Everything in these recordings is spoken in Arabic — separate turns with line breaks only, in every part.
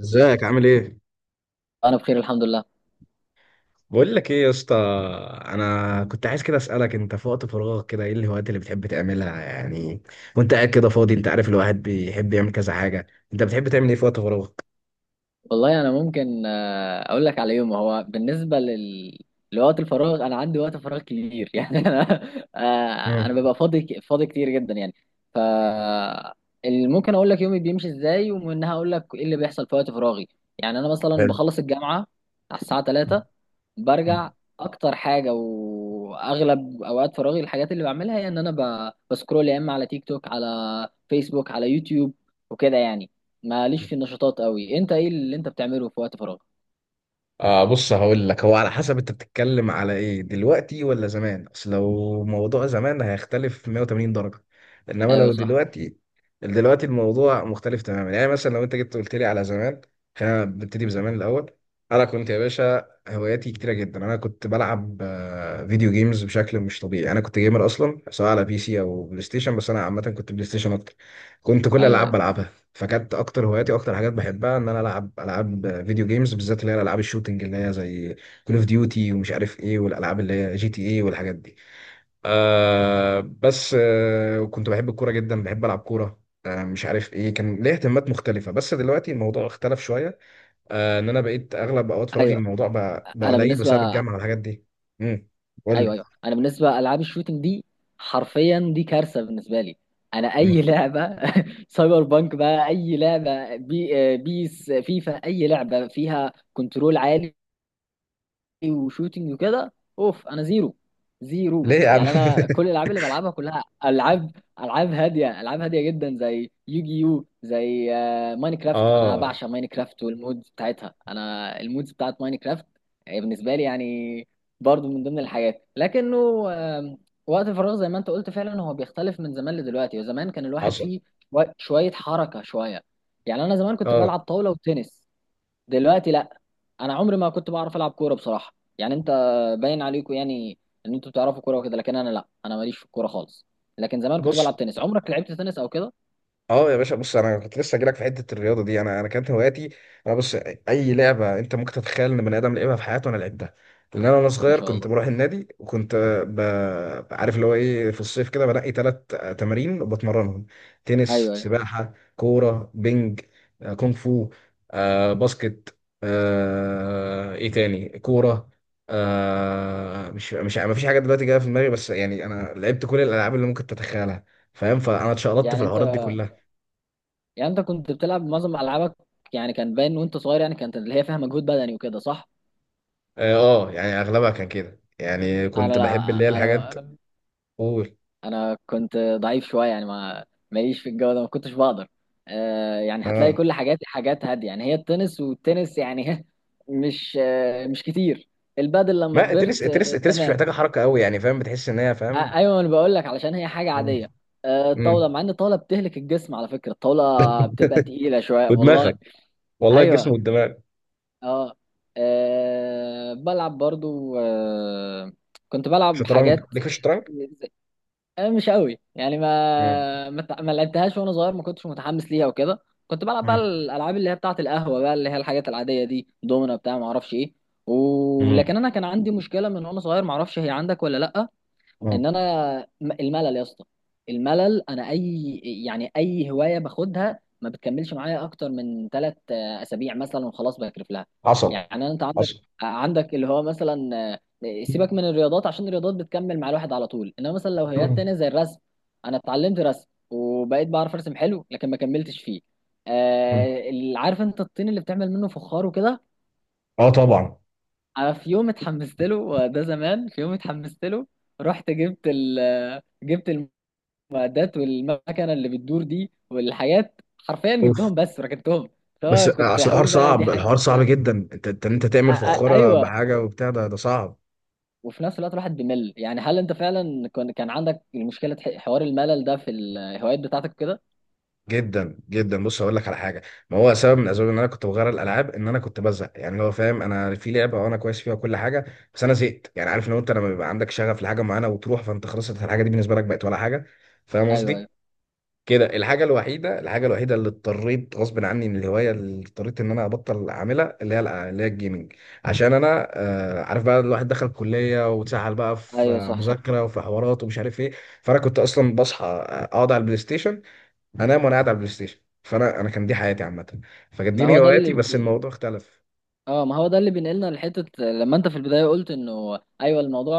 ازيك عامل ايه؟
انا بخير الحمد لله.
بقول لك ايه يا اسطى. انا كنت عايز كده اسالك، انت في وقت فراغك كده ايه الهوايات اللي بتحب تعملها يعني؟ وانت قاعد كده فاضي، انت عارف الواحد بيحب يعمل كذا حاجه. انت بتحب تعمل ايه في وقت فراغك؟
والله انا ممكن اقول لك على يوم. هو بالنسبه لوقت الفراغ، انا عندي وقت فراغ كبير يعني انا، انا
مم.
ببقى فاضي فاضي كتير جدا يعني. ف ممكن اقول لك يومي بيمشي ازاي ومنها اقول لك ايه اللي بيحصل في وقت فراغي. يعني انا مثلا
حلو.
بخلص الجامعه على الساعه 3، برجع. اكتر حاجه واغلب اوقات فراغي الحاجات اللي بعملها هي ان انا بسكرول يا اما على تيك توك، على فيسبوك، على يوتيوب وكده يعني. ماليش في النشاطات قوي. انت ايه اللي انت بتعمله في وقت فراغ؟
آه بص هقول لك، هو على حسب انت بتتكلم على ايه، دلوقتي ولا زمان؟ اصل لو موضوع زمان هيختلف 180 درجة، انما
ايوه
لو
صح.
دلوقتي، دلوقتي الموضوع مختلف تماما. يعني مثلا لو انت جيت قلت لي على زمان، خلينا نبتدي بزمان الاول. انا كنت يا باشا هواياتي كتيرة جدا. انا كنت بلعب فيديو جيمز بشكل مش طبيعي. انا كنت جيمر اصلا، سواء على بي سي او بلاي ستيشن، بس انا عامة كنت بلاي ستيشن اكتر. كنت كل
ايوه
الالعاب
ايوه.
بلعبها. فكانت اكتر هواياتي واكتر حاجات بحبها ان انا العب العاب فيديو جيمز، بالذات اللي هي الالعاب الشوتنج، اللي هي زي كول اوف ديوتي ومش عارف ايه، والالعاب اللي هي جي تي ايه والحاجات دي. بس كنت بحب الكوره جدا، بحب العب كوره، مش عارف ايه، كان ليا اهتمامات مختلفه. بس دلوقتي الموضوع اختلف شويه. ان انا بقيت اغلب اوقات فراغي من
ايوه
الموضوع بقى
انا
قليل بسبب
بالنسبه
الجامعه والحاجات دي. امم. قول
ايوه
لي.
ايوه انا بالنسبه العاب الشوتينج دي حرفيا دي كارثه بالنسبه لي. انا
مم.
اي لعبه سايبر بانك بقى، اي لعبه بي آه، بيس، فيفا، اي لعبه فيها كنترول عالي وشوتينج وكده، اوف. انا زيرو زيرو
ليه يا عم؟
يعني. انا كل الالعاب اللي بلعبها كلها العاب، العاب هاديه، العاب هاديه جدا زي يوجي يو، زي ماينكرافت. انا
اه،
بعشق ماينكرافت والمودز بتاعتها. انا المودز بتاعت ماينكرافت بالنسبه لي يعني، برضو من ضمن الحاجات. لكنه آم، وقت الفراغ زي ما انت قلت فعلا هو بيختلف من زمان لدلوقتي، وزمان كان الواحد
حصل.
فيه شوية شوية حركة شوية. يعني انا زمان كنت
اه
بلعب طاولة وتنس. دلوقتي لا. انا عمري ما كنت بعرف العب كوره بصراحه يعني. انت باين عليكم يعني ان انتوا بتعرفوا كوره وكده، لكن انا لا. انا ماليش في الكوره خالص. لكن زمان كنت بلعب
بص،
تنس. عمرك لعبت تنس او كده؟
اه يا باشا بص، انا كنت لسه جايلك في حته الرياضه دي. انا كانت هواياتي، انا بص، اي لعبه انت ممكن تتخيل ان بني ادم لعبها في حياته، انا لعبتها. لان انا وانا
ما
صغير
شاء
كنت
الله.
بروح النادي، وكنت ب... عارف اللي هو ايه، في الصيف كده بنقي 3 تمارين وبتمرنهم. تنس،
ايوه ايوه.
سباحه، كوره، بينج، كونغ فو، باسكت، ايه تاني كوره، مش ما فيش حاجه دلوقتي جايه في دماغي. بس يعني انا لعبت كل الالعاب اللي ممكن تتخيلها، فاهم؟ فانا اتشقلطت في
يعني انت،
الحوارات دي كلها.
كنت بتلعب معظم العابك يعني، كان باين وانت صغير يعني كانت اللي هي فيها مجهود بدني وكده، صح.
اه. يعني اغلبها كان كده، يعني كنت
انا
بحب اللي هي
لا.
الحاجات.
انا
قول.
انا كنت ضعيف شويه يعني. ما ماليش في الجو ده، ما كنتش بقدر. آه يعني هتلاقي
اه،
كل حاجاتي حاجات هاديه يعني، هي التنس، والتنس يعني مش مش كتير. البادل لما
ما التنس،
كبرت آه.
مش
تمام.
محتاجه حركه قوي يعني، فاهم؟ بتحس ان هي،
آه
فاهم.
ايوه انا بقول لك علشان هي حاجه عاديه. آه
امم،
الطاوله، مع ان الطاوله بتهلك الجسم على فكره. الطاوله بتبقى تقيله شويه والله.
ودماغك، والله الجسم
ايوه.
والدماغ.
اه، آه بلعب برضو آه. كنت بلعب
شطرنج،
حاجات.
ليك في الشطرنج؟
أنا مش قوي يعني.
مم.
ما لعبتهاش وانا صغير، ما كنتش متحمس ليها وكده. كنت بلعب بقى
مم.
الالعاب اللي هي بتاعه القهوه بقى، اللي هي الحاجات العاديه دي، دومنا بتاع ما اعرفش ايه.
مم.
ولكن انا كان عندي مشكله من وانا صغير، ما اعرفش هي عندك ولا لا.
مم.
ان انا الملل يا اسطى. الملل. انا اي هوايه باخدها ما بتكملش معايا اكتر من 3 اسابيع مثلا، وخلاص بكرف لها.
حصل.
يعني انت عندك،
حصل.
اللي هو مثلا سيبك من الرياضات عشان الرياضات بتكمل مع الواحد على طول، انما مثلا لو هوايات
مم.
تانية زي الرسم، انا اتعلمت رسم وبقيت بعرف ارسم حلو لكن ما كملتش فيه.
مم.
آه عارف انت الطين اللي بتعمل منه فخار وكده،
اه طبعا.
انا في يوم اتحمست له، وده زمان في يوم اتحمست له رحت جبت المعدات والمكنه اللي بتدور دي والحاجات. حرفيا
اوف.
جبتهم بس ركنتهم.
بس
فأنا كنت
اصل الحوار
هقول بقى دي
صعب،
حاجه
جدا. انت تعمل فخاره
ايوه.
بحاجه وبتاع، ده صعب.
وفي نفس الوقت الواحد بيمل يعني. هل انت فعلا كان عندك المشكله حوار الملل ده في الهوايات بتاعتك كده؟
جدا جدا. بص هقول لك على حاجه، ما هو سبب من اسباب ان انا كنت بغير الالعاب، ان انا كنت بزهق. يعني اللي هو فاهم، انا في لعبه وانا كويس فيها كل حاجه، بس انا زهقت. يعني عارف، لو انت لما بيبقى عندك شغف لحاجه معينه وتروح، فانت خلاص أنت الحاجه دي بالنسبه لك بقت ولا حاجه، فاهم
ايوه ايوه.
قصدي؟ كده. الحاجه الوحيده اللي اضطريت غصب عني من الهوايه، اللي اضطريت ان انا ابطل اعملها، اللي هي اللي هي الجيمنج. عشان انا، عارف بقى، الواحد دخل كليه واتسحل بقى في
ايوه صح صح.
مذاكره وفي حوارات ومش عارف ايه. فانا كنت اصلا بصحى اقعد على البلاي ستيشن، هنام وانا قاعد على البلاي ستيشن. فانا كان دي حياتي عامه، فكانت
ما
دي
هو ده اللي،
هواياتي. بس الموضوع اختلف.
اه ما هو ده اللي بينقلنا لحته لما انت في البدايه قلت انه ايوه، الموضوع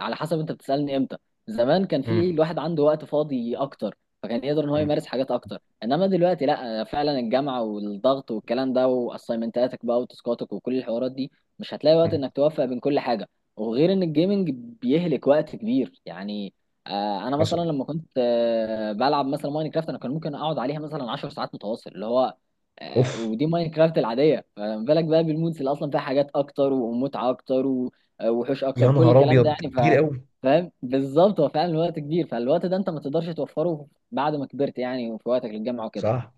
على حسب انت بتسالني امتى. زمان كان في
امم.
الواحد عنده وقت فاضي اكتر، فكان يقدر ان هو
امم.
يمارس حاجات اكتر. انما دلوقتي لا، فعلا الجامعه والضغط والكلام ده، واسايمنتاتك بقى وتاسكاتك وكل الحوارات دي، مش هتلاقي وقت
امم.
انك توفق بين كل حاجه. وغير ان الجيمنج بيهلك وقت كبير يعني. انا مثلا
حصل.
لما كنت بلعب مثلا ماينكرافت، انا كان ممكن اقعد عليها مثلا 10 ساعات متواصل اللي هو
اوف.
ودي كرافت العاديه، فما بالك بقى بالمودز اللي اصلا فيها حاجات اكتر ومتعه اكتر و- وحوش
يا
اكتر، كل
نهار
الكلام ده
ابيض،
يعني.
كتير قوي.
فاهم بالظبط. هو فعلا الوقت كبير، فالوقت ده انت ما تقدرش توفره بعد ما كبرت يعني، وفي وقتك للجامعه وكده.
صح.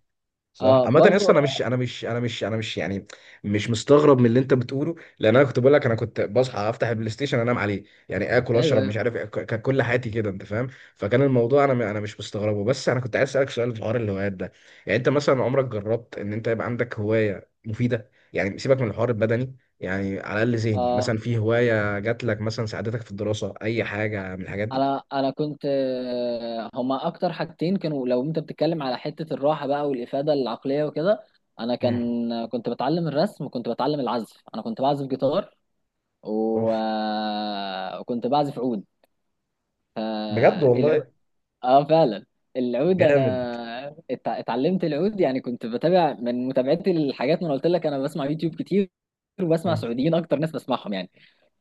صح.
اه
عامة يا
برضو
اسطى، انا مش،
آه،
انا مش، انا مش، يعني مش مستغرب من اللي انت بتقوله، لان انا كنت بقول لك انا كنت بصحى افتح البلاي ستيشن انام عليه، يعني اكل
ايوه
اشرب
ايوه.
مش عارف إيه، كانت كل حياتي كده، انت فاهم. فكان الموضوع، انا مش مستغربه. بس انا كنت عايز اسالك سؤال في حوار الهوايات ده، يعني انت مثلا عمرك جربت ان انت يبقى عندك هوايه مفيده؟ يعني سيبك من الحوار البدني، يعني على الاقل ذهني،
اه
مثلا في هوايه جات لك مثلا ساعدتك في الدراسه، اي حاجه من الحاجات دي؟
انا كنت هما اكتر حاجتين كانوا، لو انت بتتكلم على حته الراحه بقى والافاده العقليه وكده، انا
مم.
كنت بتعلم الرسم وكنت بتعلم العزف. انا كنت بعزف جيتار و...
اوف.
آه، وكنت بعزف عود.
بجد
العود،
والله.
اه فعلا. العود
جامد.
انا اتعلمت العود يعني. كنت بتابع من متابعتي الحاجات، ما انا قلت لك انا بسمع يوتيوب كتير. وبسمع
مم.
سعوديين اكتر، ناس بسمعهم يعني،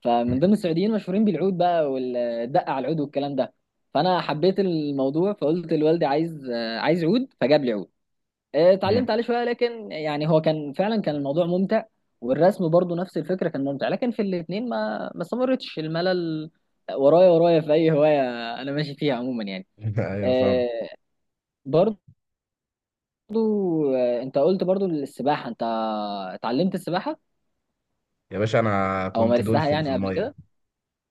فمن ضمن السعوديين مشهورين بالعود بقى والدقة على العود والكلام ده. فانا حبيت الموضوع فقلت لوالدي عايز عايز عود فجاب لي عود.
مم.
اتعلمت عليه شوية، لكن يعني هو كان فعلا كان الموضوع ممتع. والرسم برضو نفس الفكرة كان ممتع، لكن في الاتنين ما استمرتش. الملل ورايا، ورايا في اي هواية. انا ماشي فيها عموما يعني.
ايوه فاهم.
آه، برضو انت قلت برضو السباحة. انت اتعلمت السباحة
يا باشا انا
او
كنت
مارستها
دولفين في
يعني قبل
الميه.
كده؟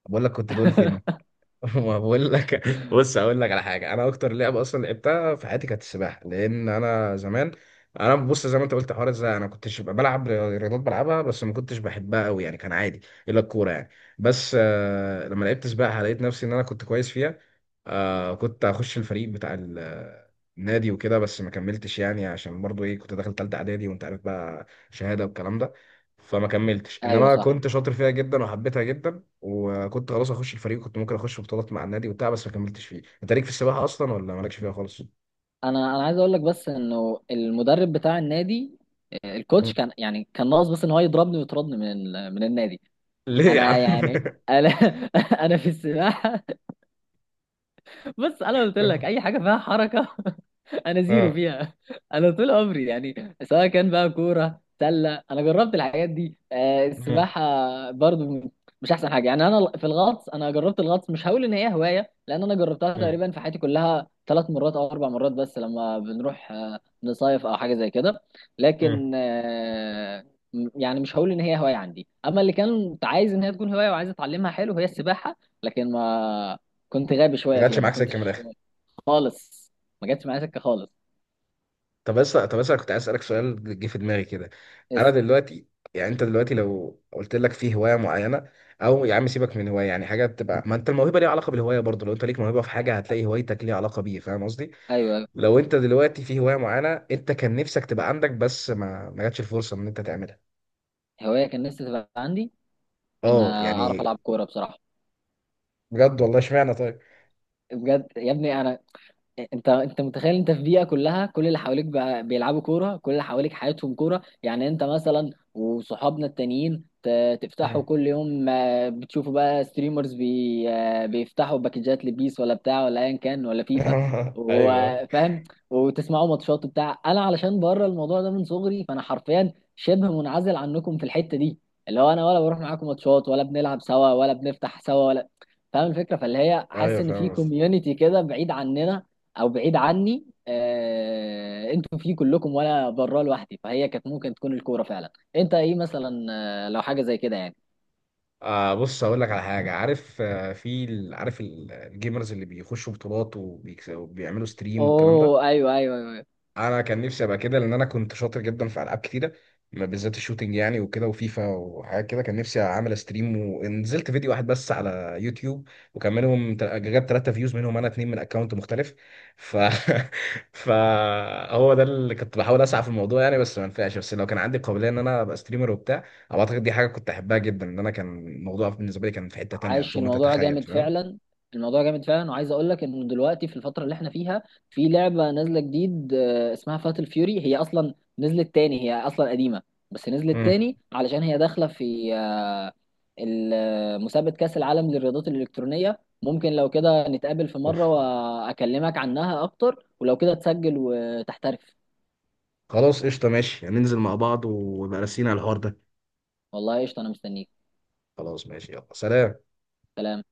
بقول لك كنت دولفين. ما بقول لك. بص اقول لك على حاجه، انا اكتر لعبه اصلا لعبتها في حياتي كانت السباحه. لان انا زمان، انا بص، زي ما انت قلت، حوار ازاي انا كنتش ببقى بلعب رياضات بلعبها بس ما كنتش بحبها قوي، يعني كان عادي الا الكوره يعني. بس لما لعبت سباحه لقيت نفسي ان انا كنت كويس فيها. كنت هخش الفريق بتاع النادي وكده، بس ما كملتش يعني، عشان برضو ايه، كنت داخل تالتة اعدادي وانت عارف بقى شهاده والكلام ده. فما كملتش،
ايوه
انما
صح.
كنت شاطر فيها جدا وحبيتها جدا. وكنت خلاص اخش الفريق، كنت ممكن اخش بطولات مع النادي وبتاع، بس ما كملتش فيه. انت ليك في السباحه اصلا ولا مالكش فيها خالص؟
انا عايز اقول لك بس انه المدرب بتاع النادي، الكوتش
مم.
كان يعني كان ناقص بس ان هو يضربني ويطردني من من النادي.
ليه يا
انا
عم؟
يعني انا انا في السباحة، بص انا قلت لك اي حاجه فيها حركه. انا زيرو
اه.
فيها. انا طول عمري يعني، سواء كان بقى كوره سله، انا جربت الحاجات دي.
مم.
السباحه برضو مش احسن حاجه يعني. انا في الغطس، انا جربت الغطس، مش هقول ان هي هوايه لان انا جربتها
مم.
تقريبا في حياتي كلها 3 مرات او 4 مرات، بس لما بنروح نصيف او حاجه زي كده.
مم.
لكن آه، يعني مش هقول ان هي هوايه عندي. اما اللي كانت عايز ان هي تكون هوايه وعايز اتعلمها حلو، هي السباحه. لكن ما كنت غبي
ما
شويه
جاتش
فيها، ما
معاك سكه من
كنتش
الاخر.
خالص. ما جاتش معايا سكه خالص.
طب بس انا كنت عايز اسالك سؤال جه في دماغي كده. انا
بس
دلوقتي، يعني انت دلوقتي لو قلت لك في هوايه معينه، او يا عم سيبك من هوايه، يعني حاجه بتبقى، ما انت الموهبه ليها علاقه بالهوايه برضه. لو انت ليك موهبه في حاجه هتلاقي هوايتك ليها علاقه بيه، فاهم قصدي؟
ايوه أيوة.
لو انت دلوقتي في هوايه معينه انت كان نفسك تبقى عندك، بس ما جاتش الفرصه ان انت تعملها.
هوايه كان نفسي تبقى عندي ان
اه
اعرف
يعني،
العب كوره بصراحه.
بجد والله؟ اشمعنى طيب؟
بجد يا ابني. انا انت انت متخيل انت في بيئه كلها، كل اللي حواليك بقى بيلعبوا كوره، كل اللي حواليك حياتهم كوره. يعني انت مثلا وصحابنا التانيين تفتحوا
مم.
كل يوم، بتشوفوا بقى ستريمرز بي آه، بيفتحوا باكجات لبيس ولا بتاع ولا ايا كان ولا فيفا،
ايوه،
وفاهم، وتسمعوا ماتشات بتاع. انا علشان بره الموضوع ده من صغري، فانا حرفيا شبه منعزل عنكم في الحته دي، اللي هو انا ولا بروح معاكم ماتشات ولا بنلعب سوا ولا بنفتح سوا ولا. فاهم الفكره؟ فاللي هي حاسس
ايوه
ان في
فاهم قصدك.
كوميونتي كده بعيد عننا او بعيد عني، انتوا فيه كلكم وانا بره لوحدي. فهي كانت ممكن تكون الكوره فعلا. انت ايه مثلا لو حاجه زي كده يعني؟
بص هقول لك على حاجه، عارف في عارف الجيمرز اللي بيخشوا بطولات وبيكسبوا وبيعملوا ستريم والكلام ده؟
اوه ايوه ايوه، أيوة.
انا كان نفسي ابقى كده، لان انا كنت شاطر جدا في العاب كتيره، ما بالذات الشوتينج يعني، وكده وفيفا وحاجات كده. كان نفسي اعمل ستريم، ونزلت فيديو واحد بس على يوتيوب، وكان منهم جاب 3 فيوز، منهم انا اتنين من اكونت مختلف. ف فهو ده اللي كنت بحاول اسعى في الموضوع يعني، بس ما نفعش. بس لو كان عندي قابليه ان انا ابقى ستريمر وبتاع، أو اعتقد دي حاجه كنت احبها جدا، ان انا كان الموضوع بالنسبه لي كان في حته تانيه
عاش.
فوق ما
الموضوع
تتخيل،
جامد
فاهم؟
فعلا. الموضوع جامد فعلا. وعايز اقول لك انه دلوقتي في الفتره اللي احنا فيها، في لعبه نازله جديد اسمها فاتل فيوري. هي اصلا نزلت تاني، هي اصلا قديمه بس نزلت
امم.
تاني علشان هي داخله في مسابقه كاس العالم للرياضات الالكترونيه. ممكن لو كده نتقابل في مره
أوف.
واكلمك عنها اكتر ولو كده تسجل وتحترف.
خلاص قشطه، ماشي، ننزل مع بعض ويبقى راسينا على الحوار ده.
والله قشطه انا مستنيك.
خلاص ماشي، يلا سلام.
سلام.